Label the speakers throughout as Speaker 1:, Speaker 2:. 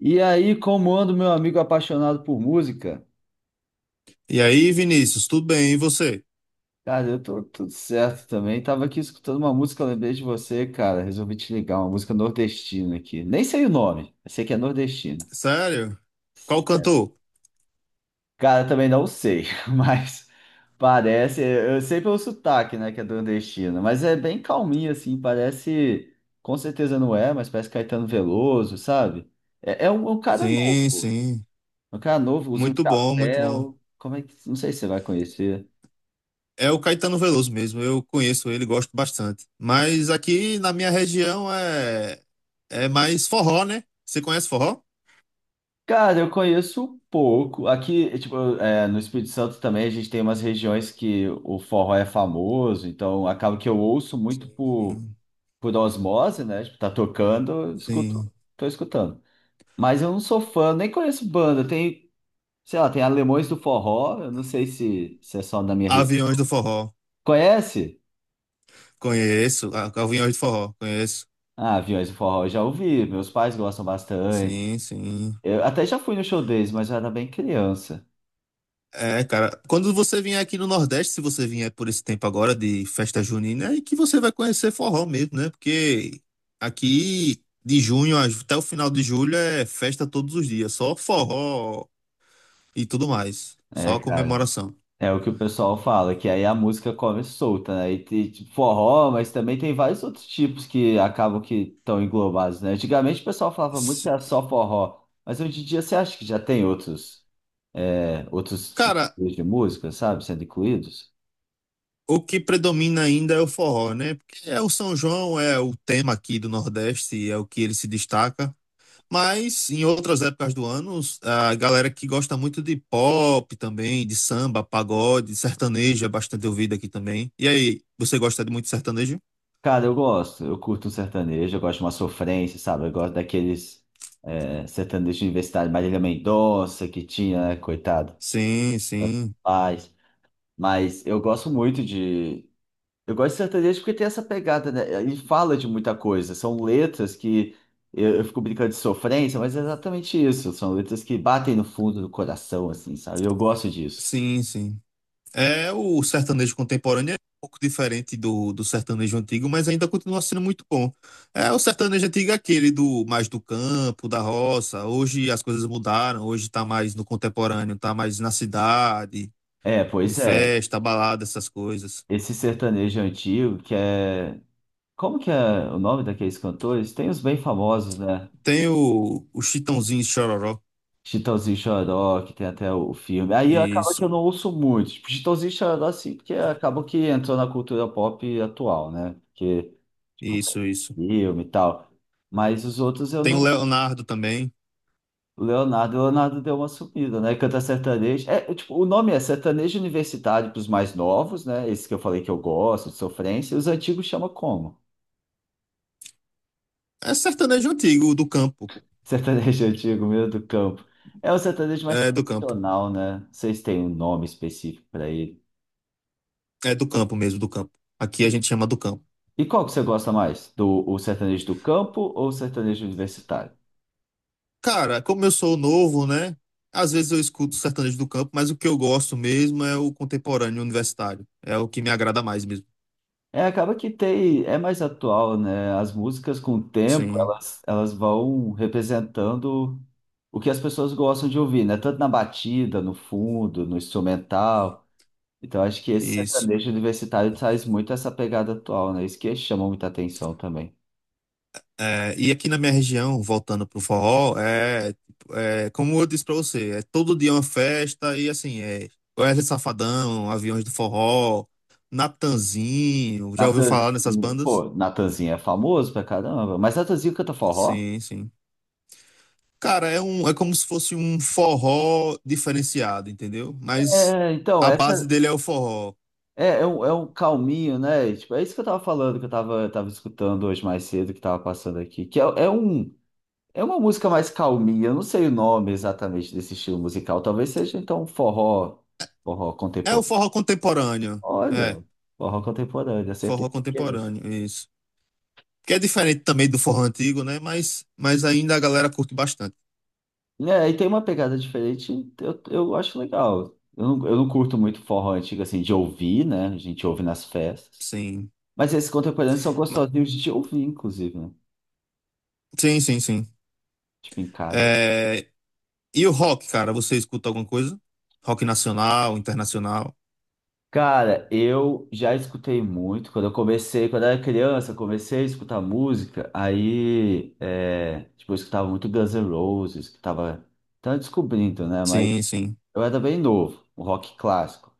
Speaker 1: E aí, como ando, meu amigo apaixonado por música?
Speaker 2: E aí, Vinícius, tudo bem? E você?
Speaker 1: Cara, eu tô tudo certo também. Tava aqui escutando uma música, lembrei de você, cara. Resolvi te ligar, uma música nordestina aqui. Nem sei o nome, eu sei que é nordestina.
Speaker 2: Sério? Qual cantor?
Speaker 1: Cara, também não sei, mas parece. Eu sei pelo sotaque, né, que é nordestina, mas é bem calminho, assim. Parece. Com certeza não é, mas parece Caetano Veloso, sabe? É um cara
Speaker 2: Sim,
Speaker 1: novo.
Speaker 2: sim.
Speaker 1: Um cara novo, usa um
Speaker 2: Muito bom, muito bom.
Speaker 1: chapéu. Como é que. Não sei se você vai conhecer.
Speaker 2: É o Caetano Veloso mesmo. Eu conheço ele, gosto bastante. Mas aqui na minha região é mais forró, né? Você conhece forró?
Speaker 1: Cara, eu conheço pouco. Aqui, é, tipo, é, no Espírito Santo também a gente tem umas regiões que o forró é famoso, então acaba que eu ouço muito
Speaker 2: Sim,
Speaker 1: por,
Speaker 2: sim.
Speaker 1: por osmose, né? Tipo, tá tocando, eu escuto,
Speaker 2: Sim.
Speaker 1: tô escutando. Mas eu não sou fã, nem conheço banda. Tem, sei lá, tem Alemões do Forró, eu não sei se é só na minha região.
Speaker 2: Aviões do Forró.
Speaker 1: Conhece?
Speaker 2: Conheço. Ah, Aviões do Forró. Conheço.
Speaker 1: Ah, Aviões do Forró, eu já ouvi, meus pais gostam bastante.
Speaker 2: Sim, sim.
Speaker 1: Eu até já fui no show deles, mas eu era bem criança.
Speaker 2: É, cara, quando você vier aqui no Nordeste, se você vier por esse tempo agora de festa junina, é que você vai conhecer forró mesmo, né? Porque aqui de junho até o final de julho é festa todos os dias, só forró e tudo mais,
Speaker 1: É,
Speaker 2: só
Speaker 1: cara.
Speaker 2: comemoração.
Speaker 1: É o que o pessoal fala, que aí a música come solta, né? E tem tipo, forró, mas também tem vários outros tipos que acabam que estão englobados, né? Antigamente o pessoal falava muito que
Speaker 2: S-
Speaker 1: era só forró, mas hoje em dia você acha que já tem outros
Speaker 2: Cara,
Speaker 1: estilos de música, sabe, sendo incluídos?
Speaker 2: o que predomina ainda é o forró, né? Porque é o São João, é o tema aqui do Nordeste, é o que ele se destaca. Mas em outras épocas do ano, a galera que gosta muito de pop também, de samba, pagode, sertanejo é bastante ouvido aqui também. E aí, você gosta de muito sertanejo?
Speaker 1: Cara, eu gosto, eu curto um sertanejo, eu gosto de uma sofrência, sabe? Eu gosto daqueles sertanejos universitários, Marília Mendonça, que tinha, né? Coitado,
Speaker 2: Sim,
Speaker 1: tantos
Speaker 2: sim,
Speaker 1: pais. Mas eu gosto muito de Eu gosto de sertanejo porque tem essa pegada, né? Ele fala de muita coisa. São letras que eu fico brincando de sofrência, mas é exatamente isso. São letras que batem no fundo do coração, assim, sabe? Eu gosto disso.
Speaker 2: sim, sim. É o sertanejo contemporâneo é um pouco diferente do sertanejo antigo, mas ainda continua sendo muito bom. É o sertanejo antigo é aquele do mais do campo, da roça. Hoje as coisas mudaram, hoje tá mais no contemporâneo, tá mais na cidade,
Speaker 1: É,
Speaker 2: de
Speaker 1: pois é.
Speaker 2: festa, balada, essas coisas.
Speaker 1: Esse sertanejo antigo que é. Como que é o nome daqueles cantores? Tem os bem famosos, né?
Speaker 2: Tem o Chitãozinho e Chororó.
Speaker 1: Chitãozinho e Xoró, que tem até o filme. Aí acaba que
Speaker 2: Isso,
Speaker 1: eu não ouço muito. Tipo, Chitãozinho e Xoró, assim, porque acaba que entrou na cultura pop atual, né? Porque, tipo,
Speaker 2: isso, isso.
Speaker 1: filme e tal. Mas os outros eu
Speaker 2: Tem o
Speaker 1: não.
Speaker 2: Leonardo também.
Speaker 1: Leonardo, Leonardo deu uma sumida, né? Canta sertanejo. É, tipo, o nome é sertanejo universitário para os mais novos, né? Esse que eu falei que eu gosto, de sofrência. E os antigos chama como?
Speaker 2: É sertanejo antigo, do campo.
Speaker 1: Sertanejo antigo, meio do campo. É o sertanejo mais
Speaker 2: É do campo.
Speaker 1: tradicional, né? Não sei se tem um nome específico para ele.
Speaker 2: É do campo mesmo, do campo. Aqui a gente chama do campo.
Speaker 1: E qual que você gosta mais? Do o sertanejo do campo ou o sertanejo universitário?
Speaker 2: Cara, como eu sou novo, né? Às vezes eu escuto sertanejo do campo, mas o que eu gosto mesmo é o contemporâneo universitário. É o que me agrada mais mesmo.
Speaker 1: É, acaba que tem, é mais atual, né? As músicas com o tempo,
Speaker 2: Sim,
Speaker 1: elas vão representando o que as pessoas gostam de ouvir, né? Tanto na batida, no fundo, no instrumental. Então, acho que esse
Speaker 2: isso.
Speaker 1: sertanejo universitário traz muito essa pegada atual, né? Isso que chama muita atenção também.
Speaker 2: É, e aqui na minha região, voltando pro forró, é, tipo, é, como eu disse pra você, é todo dia uma festa e assim, é Wesley Safadão, Aviões do Forró, Natanzinho, já ouviu falar nessas
Speaker 1: Natanzinho,
Speaker 2: bandas?
Speaker 1: pô, Natanzinho é famoso pra caramba, mas Natanzinho canta forró?
Speaker 2: Sim, sim. Cara, é um, é como se fosse um forró diferenciado, entendeu? Mas
Speaker 1: É, então,
Speaker 2: a base
Speaker 1: essa
Speaker 2: dele é o forró.
Speaker 1: é um calminho, né? E, tipo, é isso que eu tava falando, que eu tava escutando hoje mais cedo, que tava passando aqui. Que é uma música mais calminha, eu não sei o nome exatamente desse estilo musical. Talvez seja, então, um forró
Speaker 2: É o
Speaker 1: contemporâneo.
Speaker 2: forró contemporâneo.
Speaker 1: Olha,
Speaker 2: É,
Speaker 1: forró contemporâneo, acertei
Speaker 2: forró
Speaker 1: sem querer.
Speaker 2: contemporâneo, isso. Que é diferente também do forró antigo, né? Mas ainda a galera curte bastante.
Speaker 1: É, e tem uma pegada diferente, eu acho legal. Eu não curto muito forró antigo, assim, de ouvir, né? A gente ouve nas festas.
Speaker 2: Sim.
Speaker 1: Mas esses contemporâneos são gostosinhos de ouvir, inclusive, né?
Speaker 2: Sim, sim, sim.
Speaker 1: Tipo, em casa.
Speaker 2: É, e o rock, cara, você escuta alguma coisa? Rock nacional, internacional?
Speaker 1: Cara, eu já escutei muito. Quando eu comecei, quando eu era criança, eu comecei a escutar música. Aí, é, tipo, eu escutava muito Guns N' Roses, que tava descobrindo, né? Mas
Speaker 2: Sim, sim,
Speaker 1: eu era bem novo, o rock clássico.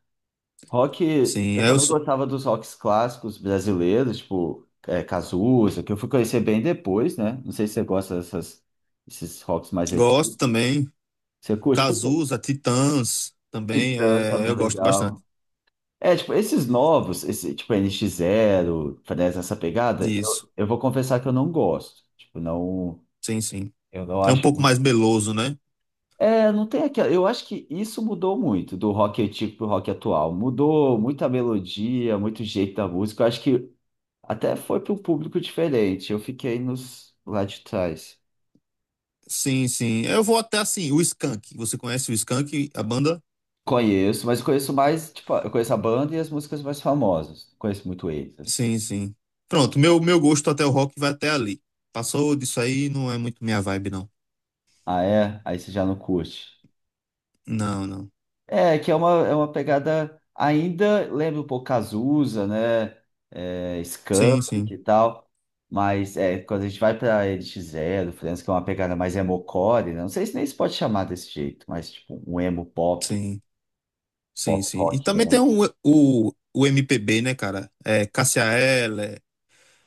Speaker 1: Rock,
Speaker 2: sim.
Speaker 1: eu também gostava dos rocks clássicos brasileiros, tipo, é, Cazuza, que eu fui conhecer bem depois, né? Não sei se você gosta desses rocks mais antigos.
Speaker 2: Gosto também.
Speaker 1: Você curte? Porque
Speaker 2: Cazuza, Titãs também,
Speaker 1: Titãs
Speaker 2: é,
Speaker 1: também
Speaker 2: eu
Speaker 1: é
Speaker 2: gosto bastante
Speaker 1: legal. É, tipo, esses novos, esse, tipo, N NX Zero, Fresno, essa pegada,
Speaker 2: disso.
Speaker 1: eu vou confessar que eu não gosto. Tipo, não,
Speaker 2: Sim, sim.
Speaker 1: eu não
Speaker 2: É um
Speaker 1: acho
Speaker 2: pouco
Speaker 1: muito.
Speaker 2: mais meloso, né?
Speaker 1: É, não tem aquela. Eu acho que isso mudou muito do rock antigo pro rock atual. Mudou muita melodia, muito jeito da música. Eu acho que até foi para um público diferente. Eu fiquei nos lá de trás.
Speaker 2: Sim, sim. Eu vou até assim, o Skank. Você conhece o Skank, a banda?
Speaker 1: Conheço, mas conheço mais, tipo, eu conheço a banda e as músicas mais famosas. Não conheço muito eles, assim.
Speaker 2: Sim, sim. Pronto, meu gosto até o rock vai até ali. Passou disso aí, não é muito minha vibe, não.
Speaker 1: Ah, é? Aí você já não curte.
Speaker 2: Não, não.
Speaker 1: É, que é uma pegada ainda, lembra um pouco Cazuza, né? É,
Speaker 2: Sim,
Speaker 1: Skank
Speaker 2: sim,
Speaker 1: e tal. Mas é, quando a gente vai para NX Zero, França, que é uma pegada mais emocore, né? Não sei se nem se pode chamar desse jeito, mas tipo um emo pop,
Speaker 2: sim. Sim,
Speaker 1: pop
Speaker 2: sim. E
Speaker 1: rock
Speaker 2: também tem
Speaker 1: emo.
Speaker 2: o MPB, né, cara? É, Cássia Eller,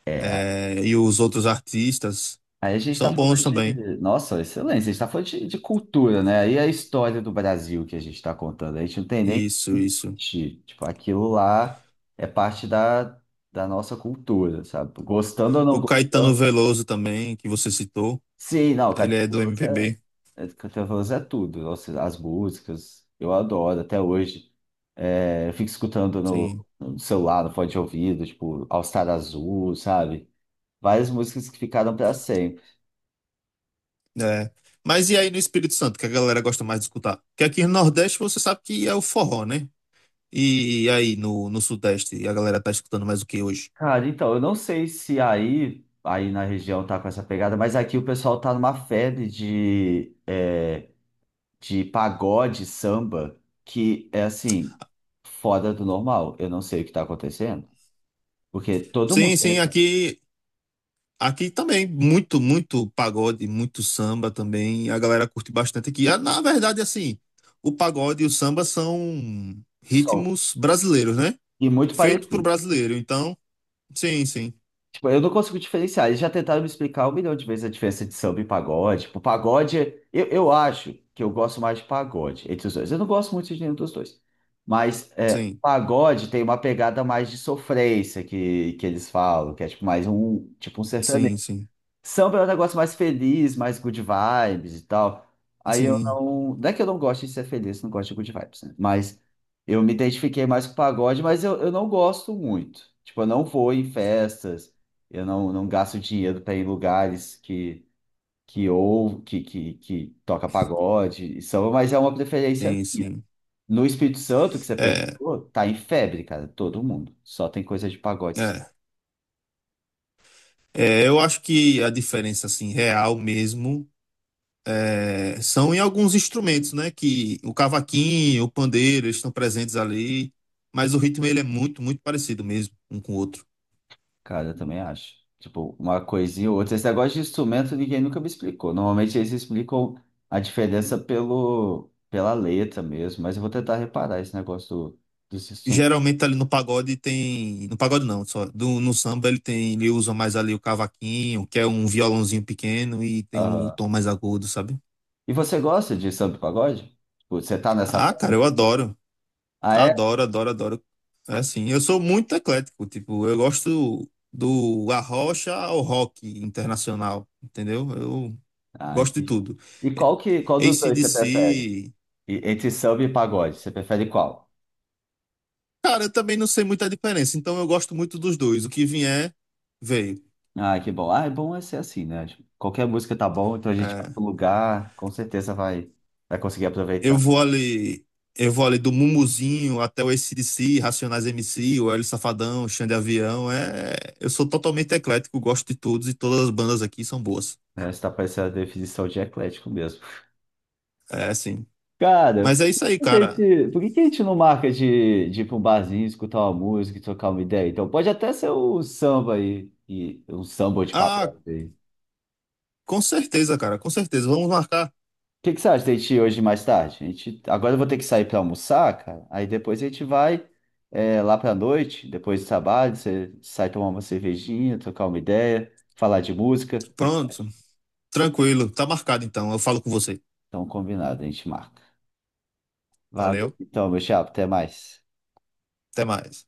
Speaker 1: É.
Speaker 2: é, e os outros artistas
Speaker 1: Aí a gente está
Speaker 2: são bons
Speaker 1: falando de.
Speaker 2: também.
Speaker 1: Nossa, excelência, a gente está falando de cultura, né? Aí a história do Brasil que a gente está contando. A gente não tem nem o
Speaker 2: Isso,
Speaker 1: que
Speaker 2: isso.
Speaker 1: discutir. Tipo, aquilo lá é parte da nossa cultura, sabe? Gostando ou não
Speaker 2: O Caetano
Speaker 1: gostando.
Speaker 2: Veloso também, que você citou,
Speaker 1: Sim, não,
Speaker 2: ele é do MPB,
Speaker 1: Caetano Veloso é tudo. Nossa, as músicas, eu adoro até hoje. É, eu fico escutando
Speaker 2: sim.
Speaker 1: no celular, no fone de ouvido, tipo, All Star Azul, sabe? Várias músicas que ficaram para sempre.
Speaker 2: É. Mas e aí no Espírito Santo, que a galera gosta mais de escutar? Porque aqui no Nordeste você sabe que é o forró, né? E aí no Sudeste, a galera tá escutando mais o que hoje?
Speaker 1: Cara, então, eu não sei se aí na região tá com essa pegada, mas aqui o pessoal tá numa febre de pagode, samba, que é assim, fora do normal. Eu não sei o que tá acontecendo, porque todo mundo
Speaker 2: Sim,
Speaker 1: tem
Speaker 2: sim,
Speaker 1: né,
Speaker 2: aqui também, muito, muito pagode, muito samba também. A galera curte bastante aqui. Ah, na verdade, assim, o pagode e o samba são
Speaker 1: som,
Speaker 2: ritmos brasileiros, né?
Speaker 1: e muito
Speaker 2: Feito pro
Speaker 1: parecido.
Speaker 2: brasileiro. Então, sim, sim,
Speaker 1: Tipo, eu não consigo diferenciar. Eles já tentaram me explicar um milhão de vezes a diferença de samba e pagode. Tipo, pagode, eu acho que eu gosto mais de pagode entre os dois. Eu não gosto muito de nenhum dos dois. Mas é,
Speaker 2: sim,
Speaker 1: pagode tem uma pegada mais de sofrência que eles falam, que é tipo mais um, tipo um sertanejo.
Speaker 2: sim, sim,
Speaker 1: Samba é um negócio mais feliz, mais good vibes e tal. Aí eu
Speaker 2: sim,
Speaker 1: não. Não é que eu não gosto de ser feliz, não gosto de good vibes, né? Mas eu me identifiquei mais com o pagode, mas eu não gosto muito. Tipo, eu não vou em festas, eu não gasto dinheiro para ir em lugares que ou que, que toca pagode e samba, mas é uma preferência
Speaker 2: sim,
Speaker 1: minha.
Speaker 2: sim.
Speaker 1: No Espírito Santo, que você
Speaker 2: É,
Speaker 1: perguntou, tá em febre, cara, todo mundo. Só tem coisa de pagode.
Speaker 2: é. É, eu acho que a diferença, assim, real mesmo, é, são em alguns instrumentos, né? Que o cavaquinho, o pandeiro, eles estão presentes ali. Mas o ritmo, ele é muito, muito parecido mesmo, um com o outro.
Speaker 1: Cara, eu também acho. Tipo, uma coisinha ou outra. Esse negócio de instrumento ninguém nunca me explicou. Normalmente eles explicam a diferença pela letra mesmo, mas eu vou tentar reparar esse negócio dos instrumentos.
Speaker 2: Geralmente ali no pagode tem. No pagode não, só. No samba ele tem. Ele usa mais ali o cavaquinho, que é um violãozinho pequeno e tem um
Speaker 1: Aham.
Speaker 2: tom mais agudo, sabe?
Speaker 1: E você gosta de samba e pagode? Tipo, você tá nessa
Speaker 2: Ah, cara, eu
Speaker 1: febre?
Speaker 2: adoro.
Speaker 1: Ah, é?
Speaker 2: Adoro, adoro, adoro. É assim, eu sou muito eclético, tipo, eu gosto do arrocha ao rock internacional, entendeu? Eu
Speaker 1: Ah,
Speaker 2: gosto de
Speaker 1: entendi.
Speaker 2: tudo.
Speaker 1: E
Speaker 2: É,
Speaker 1: qual dos dois você prefere?
Speaker 2: AC/DC,
Speaker 1: Entre samba e pagode, você prefere qual?
Speaker 2: cara, eu também não sei muita diferença, então eu gosto muito dos dois. O que vier, veio.
Speaker 1: Ah, que bom. Ah, é bom é ser assim, né? Tipo, qualquer música tá bom, então a gente vai pro
Speaker 2: É,
Speaker 1: lugar, com certeza vai conseguir
Speaker 2: Eu
Speaker 1: aproveitar.
Speaker 2: vou ali, eu vou ali do Mumuzinho até o AC/DC, Racionais MC, o Hélio Safadão, Xande Avião. É, eu sou totalmente eclético, gosto de todos e todas as bandas aqui são boas.
Speaker 1: Né? Você tá parecendo a definição de eclético mesmo.
Speaker 2: É, sim.
Speaker 1: Cara,
Speaker 2: Mas é isso aí,
Speaker 1: por que a
Speaker 2: cara.
Speaker 1: gente, por que que a gente não marca de ir pra um barzinho, escutar uma música e trocar uma ideia? Então, pode até ser o samba aí, e um samba de
Speaker 2: Ah,
Speaker 1: pagode aí. O
Speaker 2: com certeza, cara, com certeza. Vamos marcar.
Speaker 1: que que você acha da gente ir hoje mais tarde? Agora eu vou ter que sair pra almoçar, cara. Aí depois a gente vai lá pra noite, depois do trabalho, você sai tomar uma cervejinha, trocar uma ideia, falar de música. O que que você
Speaker 2: Pronto,
Speaker 1: acha?
Speaker 2: tranquilo. Tá marcado então. Eu falo com você.
Speaker 1: Então, combinado, a gente marca. Valeu,
Speaker 2: Valeu.
Speaker 1: então, meu chapa, até mais.
Speaker 2: Até mais.